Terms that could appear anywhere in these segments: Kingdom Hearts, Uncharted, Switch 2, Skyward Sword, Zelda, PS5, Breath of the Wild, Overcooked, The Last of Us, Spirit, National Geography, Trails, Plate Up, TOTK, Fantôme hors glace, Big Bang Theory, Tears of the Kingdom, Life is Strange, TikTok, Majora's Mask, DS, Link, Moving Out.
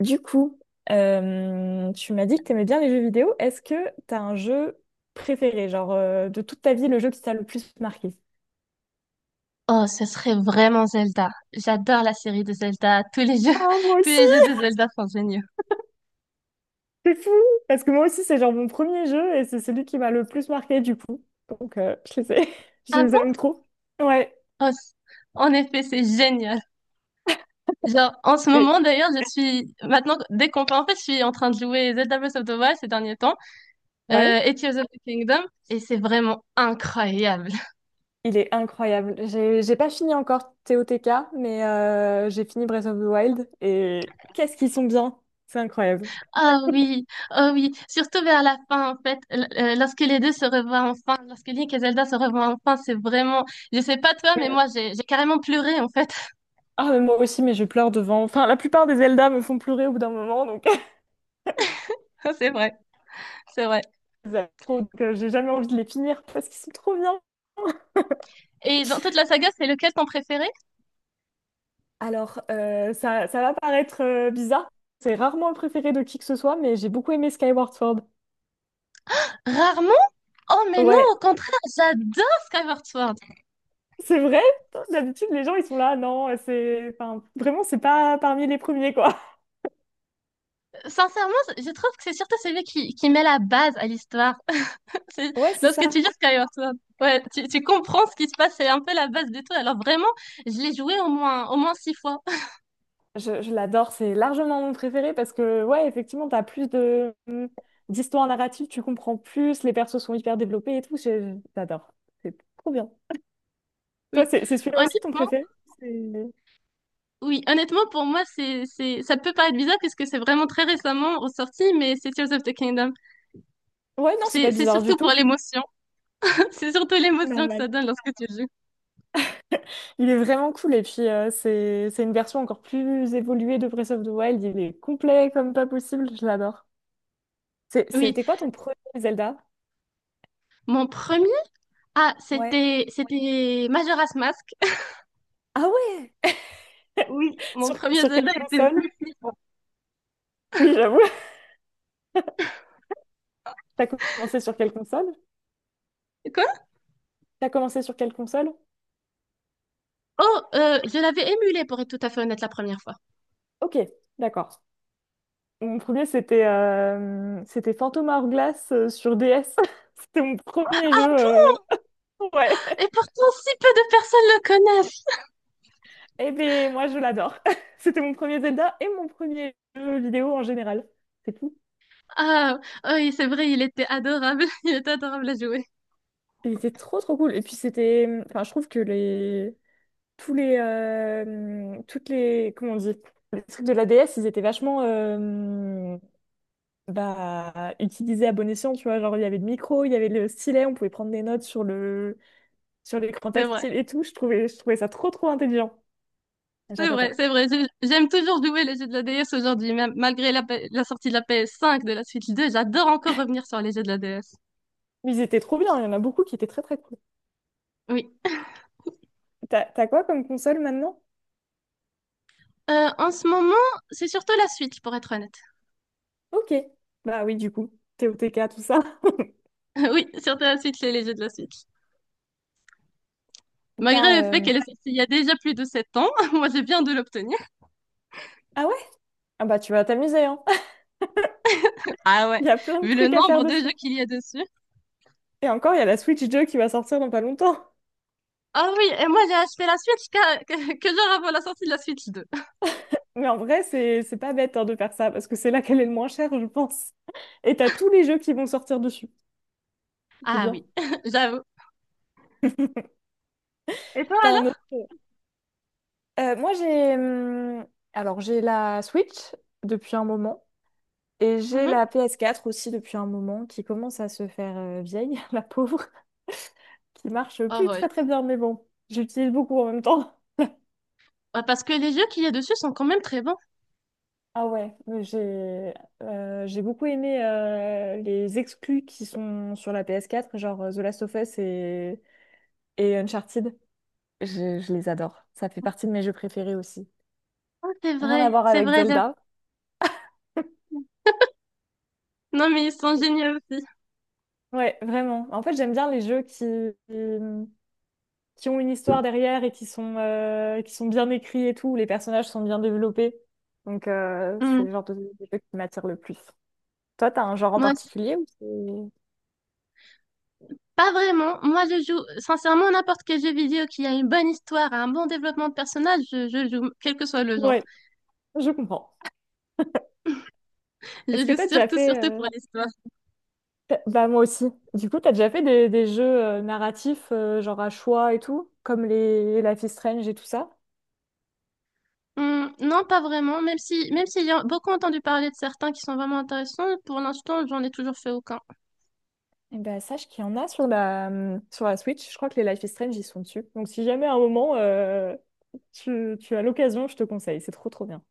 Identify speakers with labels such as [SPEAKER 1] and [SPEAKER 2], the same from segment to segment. [SPEAKER 1] Du coup, tu m'as dit que t'aimais bien les jeux vidéo. Est-ce que t'as un jeu préféré, genre de toute ta vie, le jeu qui t'a le plus marqué?
[SPEAKER 2] Oh, ce serait vraiment Zelda. J'adore la série de Zelda. Tous les jeux,
[SPEAKER 1] Ah, moi
[SPEAKER 2] tous
[SPEAKER 1] aussi!
[SPEAKER 2] les jeux de Zelda sont géniaux.
[SPEAKER 1] C'est fou! Parce que moi aussi, c'est genre mon premier jeu et c'est celui qui m'a le plus marqué du coup. Donc, je
[SPEAKER 2] Ah
[SPEAKER 1] les
[SPEAKER 2] bon?
[SPEAKER 1] aime trop. Ouais.
[SPEAKER 2] Oh, en effet, c'est génial. Genre, en ce
[SPEAKER 1] Et-
[SPEAKER 2] moment, d'ailleurs, je suis, maintenant, dès qu'on peut, en fait, je suis en train de jouer Zelda Breath of the Wild ces derniers temps,
[SPEAKER 1] ouais.
[SPEAKER 2] et Tears of the Kingdom, et c'est vraiment incroyable.
[SPEAKER 1] Il est incroyable. J'ai pas fini encore TOTK, mais j'ai fini Breath of the Wild et qu'est-ce qu'ils sont bien! C'est incroyable.
[SPEAKER 2] Ah oui, oh oui. Surtout vers la fin, en fait, lorsque les deux se revoient enfin, lorsque Link et Zelda se revoient enfin, c'est vraiment, je sais pas toi, mais moi, j'ai carrément pleuré, en fait.
[SPEAKER 1] Ah, mais moi aussi, mais je pleure devant. Enfin, la plupart des Zelda me font pleurer au bout d'un moment, donc
[SPEAKER 2] C'est vrai, c'est vrai.
[SPEAKER 1] j'aime trop, donc, j'ai jamais envie de les finir parce qu'ils sont trop bien.
[SPEAKER 2] Et dans toute la saga, c'est lequel ton préféré?
[SPEAKER 1] Alors, ça va paraître bizarre. C'est rarement le préféré de qui que ce soit, mais j'ai beaucoup aimé Skyward Sword.
[SPEAKER 2] Rarement? Oh mais non,
[SPEAKER 1] Ouais,
[SPEAKER 2] au contraire, j'adore Skyward Sword.
[SPEAKER 1] c'est vrai. D'habitude, les gens, ils sont là, non, c'est… Enfin, vraiment, c'est pas parmi les premiers, quoi.
[SPEAKER 2] Sincèrement, je trouve que c'est surtout qui met la base à l'histoire. C'est-
[SPEAKER 1] Ouais, c'est
[SPEAKER 2] Lorsque tu
[SPEAKER 1] ça.
[SPEAKER 2] lis Skyward Sword, ouais, tu comprends ce qui se passe, c'est un peu la base de tout. Alors vraiment, je l'ai joué au moins six fois.
[SPEAKER 1] Je l'adore, c'est largement mon préféré parce que, ouais, effectivement, t'as plus de d'histoire narrative, tu comprends plus, les persos sont hyper développés et tout, j'adore. C'est trop bien. Toi,
[SPEAKER 2] Oui,
[SPEAKER 1] c'est celui-là aussi ton
[SPEAKER 2] honnêtement,
[SPEAKER 1] préféré? C'est-
[SPEAKER 2] oui, honnêtement pour moi, ça peut paraître bizarre puisque c'est vraiment très récemment ressorti, mais c'est Tears of the Kingdom.
[SPEAKER 1] Ouais, non, c'est pas
[SPEAKER 2] C'est
[SPEAKER 1] bizarre du
[SPEAKER 2] surtout pour
[SPEAKER 1] tout.
[SPEAKER 2] l'émotion. C'est surtout l'émotion que
[SPEAKER 1] Normal.
[SPEAKER 2] ça donne lorsque tu le joues.
[SPEAKER 1] Il est vraiment cool et puis c'est une version encore plus évoluée de Breath of the Wild, il est complet comme pas possible, je l'adore.
[SPEAKER 2] Oui,
[SPEAKER 1] C'était quoi ton premier Zelda?
[SPEAKER 2] mon premier. Ah,
[SPEAKER 1] Ouais.
[SPEAKER 2] c'était Majora's Mask.
[SPEAKER 1] Ah ouais!
[SPEAKER 2] Oui, mon
[SPEAKER 1] Sur,
[SPEAKER 2] premier
[SPEAKER 1] sur
[SPEAKER 2] Zelda
[SPEAKER 1] quelle
[SPEAKER 2] était le
[SPEAKER 1] console?
[SPEAKER 2] plus flippant.
[SPEAKER 1] Oui, j'avoue. T'as commencé sur quelle console?
[SPEAKER 2] Quoi?
[SPEAKER 1] T'as commencé sur quelle console?
[SPEAKER 2] Oh, je l'avais émulé pour être tout à fait honnête la première fois.
[SPEAKER 1] Ok, d'accord. Mon premier, c'était c'était Fantôme hors glace sur DS. C'était mon premier jeu.
[SPEAKER 2] Ah bon?
[SPEAKER 1] euh, Ouais.
[SPEAKER 2] Et pourtant, si peu de personnes le connaissent.
[SPEAKER 1] Eh bien, moi, je l'adore. C'était mon premier Zelda et mon premier jeu vidéo en général. C'est tout.
[SPEAKER 2] Ah, oui, c'est vrai, il était adorable. Il était adorable à jouer.
[SPEAKER 1] Il était trop, trop cool. Et puis, c'était… Enfin, je trouve que les… Tous les… Toutes les… Comment on dit? Les trucs de la DS, ils étaient vachement… Bah, utilisés à bon escient, tu vois. Genre, il y avait le micro, il y avait le stylet, on pouvait prendre des notes sur le sur l'écran
[SPEAKER 2] C'est vrai.
[SPEAKER 1] tactile et tout. Je trouvais ça trop, trop intelligent.
[SPEAKER 2] C'est vrai,
[SPEAKER 1] J'adorais.
[SPEAKER 2] c'est vrai. Je- J'aime toujours jouer les jeux de la DS aujourd'hui, même malgré la sortie de la PS5, de la Switch 2. J'adore encore revenir sur les jeux de la DS.
[SPEAKER 1] Mais ils étaient trop bien, il y en a beaucoup qui étaient très, très cool.
[SPEAKER 2] Oui.
[SPEAKER 1] T'as quoi comme console maintenant?
[SPEAKER 2] En ce moment, c'est surtout la Switch, pour être honnête.
[SPEAKER 1] Ok. Bah oui, du coup, TOTK, tout ça.
[SPEAKER 2] Oui, surtout la Switch et les jeux de la Switch.
[SPEAKER 1] T'as,
[SPEAKER 2] Malgré le fait
[SPEAKER 1] euh,
[SPEAKER 2] qu'elle est sortie il y a déjà plus de 7 ans, moi je viens de l'obtenir.
[SPEAKER 1] Ah ouais? Ah bah tu vas t'amuser, hein.
[SPEAKER 2] Ah ouais,
[SPEAKER 1] Il y a plein de
[SPEAKER 2] vu le
[SPEAKER 1] trucs à faire
[SPEAKER 2] nombre de
[SPEAKER 1] dessus.
[SPEAKER 2] jeux qu'il y a dessus.
[SPEAKER 1] Et encore, il y a la Switch 2 qui va sortir dans pas longtemps.
[SPEAKER 2] Ah oui, et moi j'ai acheté la Switch que genre avant la sortie de la Switch deux.
[SPEAKER 1] Mais en vrai, c'est pas bête hein, de faire ça, parce que c'est là qu'elle est le moins chère, je pense. Et t'as tous les jeux qui vont sortir dessus. C'est
[SPEAKER 2] Ah
[SPEAKER 1] bien.
[SPEAKER 2] oui, j'avoue. Et toi
[SPEAKER 1] T'as un autre.
[SPEAKER 2] alors?
[SPEAKER 1] Moi, j'ai alors j'ai la Switch depuis un moment et j'ai
[SPEAKER 2] Mhm.
[SPEAKER 1] la PS4 aussi depuis un moment qui commence à se faire vieille, la pauvre, qui marche
[SPEAKER 2] Oh
[SPEAKER 1] plus
[SPEAKER 2] ouais.
[SPEAKER 1] très très bien, mais bon, j'utilise beaucoup en même temps.
[SPEAKER 2] Ah, parce que les jeux qu'il y a dessus sont quand même très bons.
[SPEAKER 1] Ah ouais, mais j'ai beaucoup aimé les exclus qui sont sur la PS4 genre The Last of Us et Uncharted. Je les adore. Ça fait partie de mes jeux préférés aussi.
[SPEAKER 2] Oh, c'est
[SPEAKER 1] Rien à
[SPEAKER 2] vrai,
[SPEAKER 1] voir
[SPEAKER 2] c'est
[SPEAKER 1] avec
[SPEAKER 2] vrai. J'avoue.
[SPEAKER 1] Zelda.
[SPEAKER 2] Non mais ils sont géniaux aussi.
[SPEAKER 1] Ouais, vraiment. En fait, j'aime bien les jeux qui, mmh, qui ont une histoire derrière et qui sont bien écrits et tout, où les personnages sont bien développés. Donc, c'est
[SPEAKER 2] Hmm.
[SPEAKER 1] le genre de jeu qui m'attire le plus. Toi, t'as un genre en
[SPEAKER 2] Moi, c'est-
[SPEAKER 1] particulier ou c'est…
[SPEAKER 2] pas vraiment. Moi je joue sincèrement n'importe quel jeu vidéo qui a une bonne histoire, un bon développement de personnage, je joue, quel que soit le genre.
[SPEAKER 1] Ouais, je comprends.
[SPEAKER 2] Je
[SPEAKER 1] Est-ce que
[SPEAKER 2] joue
[SPEAKER 1] t'as déjà
[SPEAKER 2] surtout,
[SPEAKER 1] fait…
[SPEAKER 2] surtout pour l'histoire.
[SPEAKER 1] Bah, moi aussi. Du coup, t'as déjà fait des jeux narratifs, genre à choix et tout, comme les Life is Strange et tout ça?
[SPEAKER 2] Hmm, non, pas vraiment. Même si, même s'il y a beaucoup entendu parler de certains qui sont vraiment intéressants, pour l'instant, j'en ai toujours fait aucun.
[SPEAKER 1] Eh ben, sache qu'il y en a sur la Switch. Je crois que les Life is Strange, ils sont dessus. Donc, si jamais à un moment, tu as l'occasion, je te conseille. C'est trop, trop bien.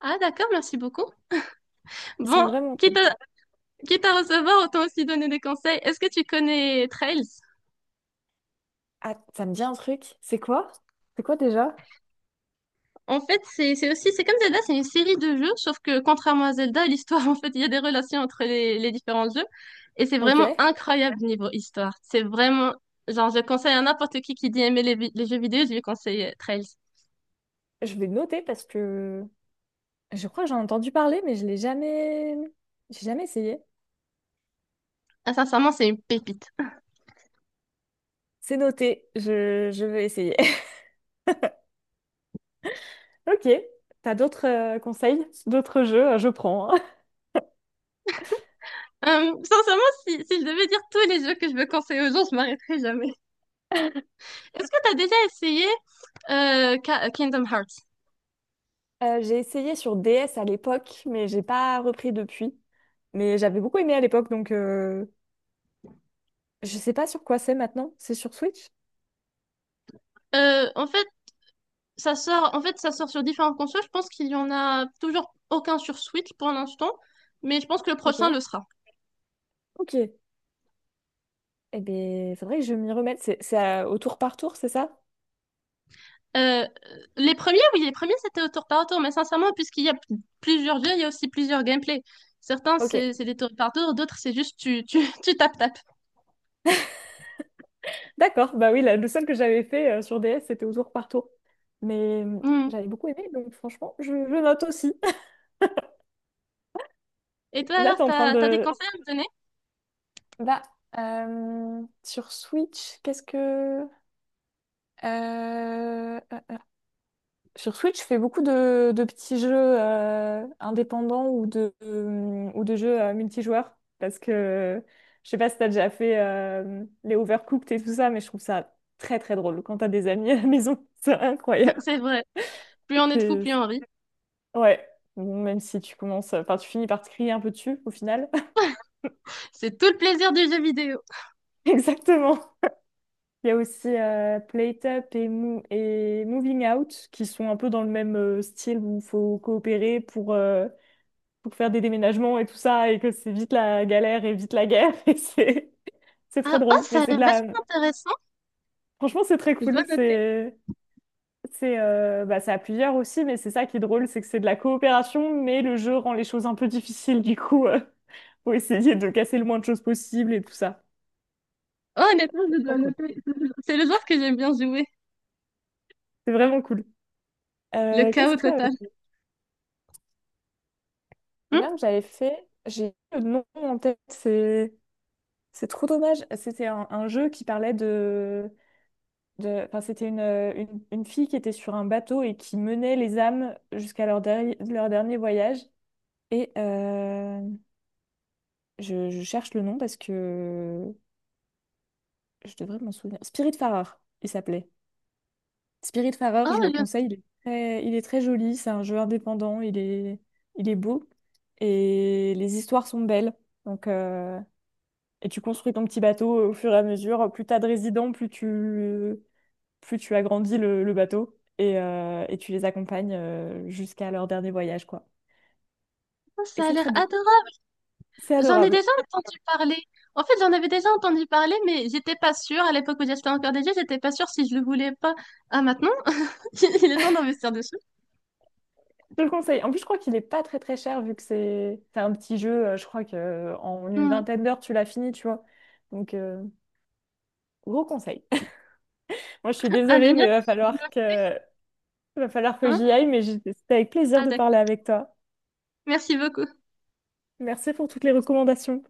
[SPEAKER 2] Ah, d'accord, merci beaucoup.
[SPEAKER 1] Ils sont
[SPEAKER 2] Bon,
[SPEAKER 1] vraiment
[SPEAKER 2] quitte
[SPEAKER 1] cool.
[SPEAKER 2] à, quitte à recevoir, autant aussi donner des conseils. Est-ce que tu connais Trails?
[SPEAKER 1] Ah, ça me dit un truc. C'est quoi? C'est quoi déjà?
[SPEAKER 2] En fait, c'est aussi, c'est comme Zelda, c'est une série de jeux, sauf que contrairement à Zelda, l'histoire, en fait, il y a des relations entre les différents jeux. Et c'est
[SPEAKER 1] Ok.
[SPEAKER 2] vraiment incroyable niveau histoire. C'est vraiment, genre, je conseille à n'importe qui dit aimer les jeux vidéo, je lui conseille Trails.
[SPEAKER 1] Je vais noter parce que je crois que j'en ai entendu parler, mais je l'ai jamais… J'ai jamais essayé.
[SPEAKER 2] Ah, sincèrement, c'est une pépite.
[SPEAKER 1] C'est noté. Je vais essayer. Ok. T'as d'autres conseils? D'autres jeux? Je prends. Hein.
[SPEAKER 2] Sincèrement, si je devais dire tous les jeux que je veux conseiller aux gens, je m'arrêterais jamais. Est-ce que t'as déjà essayé Kingdom Hearts?
[SPEAKER 1] J'ai essayé sur DS à l'époque, mais j'ai pas repris depuis. Mais j'avais beaucoup aimé à l'époque, donc je sais pas sur quoi c'est maintenant. C'est sur Switch?
[SPEAKER 2] En fait, ça sort sur différentes consoles. Je pense qu'il y en a toujours aucun sur Switch pour l'instant, mais je pense que le
[SPEAKER 1] Ok.
[SPEAKER 2] prochain le sera.
[SPEAKER 1] Ok. Eh bien, faudrait que je m'y remette. C'est au tour par tour, c'est ça?
[SPEAKER 2] Euh, les premiers, oui, les premiers c'était au tour par tour, mais sincèrement, puisqu'il y a plusieurs jeux, il y a aussi plusieurs gameplays. Certains
[SPEAKER 1] Ok.
[SPEAKER 2] c'est des tours par tour, d'autres c'est juste tu tu tu tapes.
[SPEAKER 1] D'accord. Bah oui, le seul que j'avais fait sur DS, c'était au tour par tour. Mais
[SPEAKER 2] Hmm.
[SPEAKER 1] j'avais beaucoup aimé, donc franchement, je note aussi.
[SPEAKER 2] Et toi
[SPEAKER 1] Là,
[SPEAKER 2] alors,
[SPEAKER 1] t'es en train
[SPEAKER 2] t'as des
[SPEAKER 1] de…
[SPEAKER 2] conseils à me donner?
[SPEAKER 1] bah sur Switch, qu'est-ce que… Euh, sur Switch, je fais beaucoup de petits jeux indépendants ou de jeux multijoueurs parce que je sais pas si t'as déjà fait les Overcooked et tout ça, mais je trouve ça très très drôle quand t'as des amis à la maison, c'est incroyable.
[SPEAKER 2] C'est vrai. Plus on est de fous, plus
[SPEAKER 1] C'est-
[SPEAKER 2] on rit.
[SPEAKER 1] Ouais, bon, même si tu commences, enfin tu finis par te crier un peu dessus au final.
[SPEAKER 2] C'est tout le plaisir du jeu vidéo.
[SPEAKER 1] Exactement. Il y a aussi Plate Up et, et Moving Out qui sont un peu dans le même style où il faut coopérer pour faire des déménagements et tout ça, et que c'est vite la galère et vite la guerre. Et c'est
[SPEAKER 2] Ah,
[SPEAKER 1] très
[SPEAKER 2] oh,
[SPEAKER 1] drôle. Mais
[SPEAKER 2] ça a
[SPEAKER 1] c'est de
[SPEAKER 2] l'air
[SPEAKER 1] la…
[SPEAKER 2] vachement intéressant.
[SPEAKER 1] Franchement, c'est très
[SPEAKER 2] Je dois
[SPEAKER 1] cool.
[SPEAKER 2] noter.
[SPEAKER 1] C'est… C'est bah, c'est à plusieurs aussi, mais c'est ça qui est drôle, c'est que c'est de la coopération, mais le jeu rend les choses un peu difficiles, du coup, faut essayer de casser le moins de choses possible et tout ça.
[SPEAKER 2] Oh, honnêtement,
[SPEAKER 1] C'est
[SPEAKER 2] je
[SPEAKER 1] très
[SPEAKER 2] dois
[SPEAKER 1] cool.
[SPEAKER 2] noter. C'est le genre que j'aime bien jouer.
[SPEAKER 1] C'est vraiment cool.
[SPEAKER 2] Le
[SPEAKER 1] Qu'est-ce
[SPEAKER 2] chaos
[SPEAKER 1] qu'il y avait
[SPEAKER 2] total.
[SPEAKER 1] de
[SPEAKER 2] Hmm.
[SPEAKER 1] bien que j'avais fait? J'ai le nom en tête, c'est trop dommage. C'était un jeu qui parlait de enfin, c'était une fille qui était sur un bateau et qui menait les âmes jusqu'à leur, leur dernier voyage. Et je cherche le nom parce que je devrais m'en souvenir. Spirit il s'appelait. Spirit
[SPEAKER 2] Oh,
[SPEAKER 1] je le
[SPEAKER 2] le
[SPEAKER 1] conseille. Il est très joli, c'est un jeu indépendant, il est beau. Et les histoires sont belles. Donc, et tu construis ton petit bateau au fur et à mesure. Plus t'as de résidents, plus tu agrandis le bateau et tu les accompagnes jusqu'à leur dernier voyage, quoi.
[SPEAKER 2] chaos,
[SPEAKER 1] Et
[SPEAKER 2] ça a
[SPEAKER 1] c'est
[SPEAKER 2] l'air
[SPEAKER 1] très beau.
[SPEAKER 2] adorable.
[SPEAKER 1] C'est
[SPEAKER 2] J'en ai
[SPEAKER 1] adorable.
[SPEAKER 2] déjà entendu parler. En fait, j'en avais déjà entendu parler, mais j'étais pas sûre. À l'époque où j'achetais encore des jeux, j'étais pas sûre si je le voulais pas. Ah, maintenant, il est temps d'investir dessus.
[SPEAKER 1] Je le conseille. En plus, je crois qu'il est pas très très cher vu que c'est un petit jeu. Je crois que en une
[SPEAKER 2] Hmm.
[SPEAKER 1] vingtaine d'heures, tu l'as fini, tu vois. Donc, gros conseil. Moi, je suis
[SPEAKER 2] Ah,
[SPEAKER 1] désolée, mais
[SPEAKER 2] génial.
[SPEAKER 1] va falloir que
[SPEAKER 2] Hein,
[SPEAKER 1] j'y aille. C'était avec plaisir
[SPEAKER 2] ah,
[SPEAKER 1] de parler
[SPEAKER 2] d'accord.
[SPEAKER 1] avec toi.
[SPEAKER 2] Merci beaucoup.
[SPEAKER 1] Merci pour toutes les recommandations.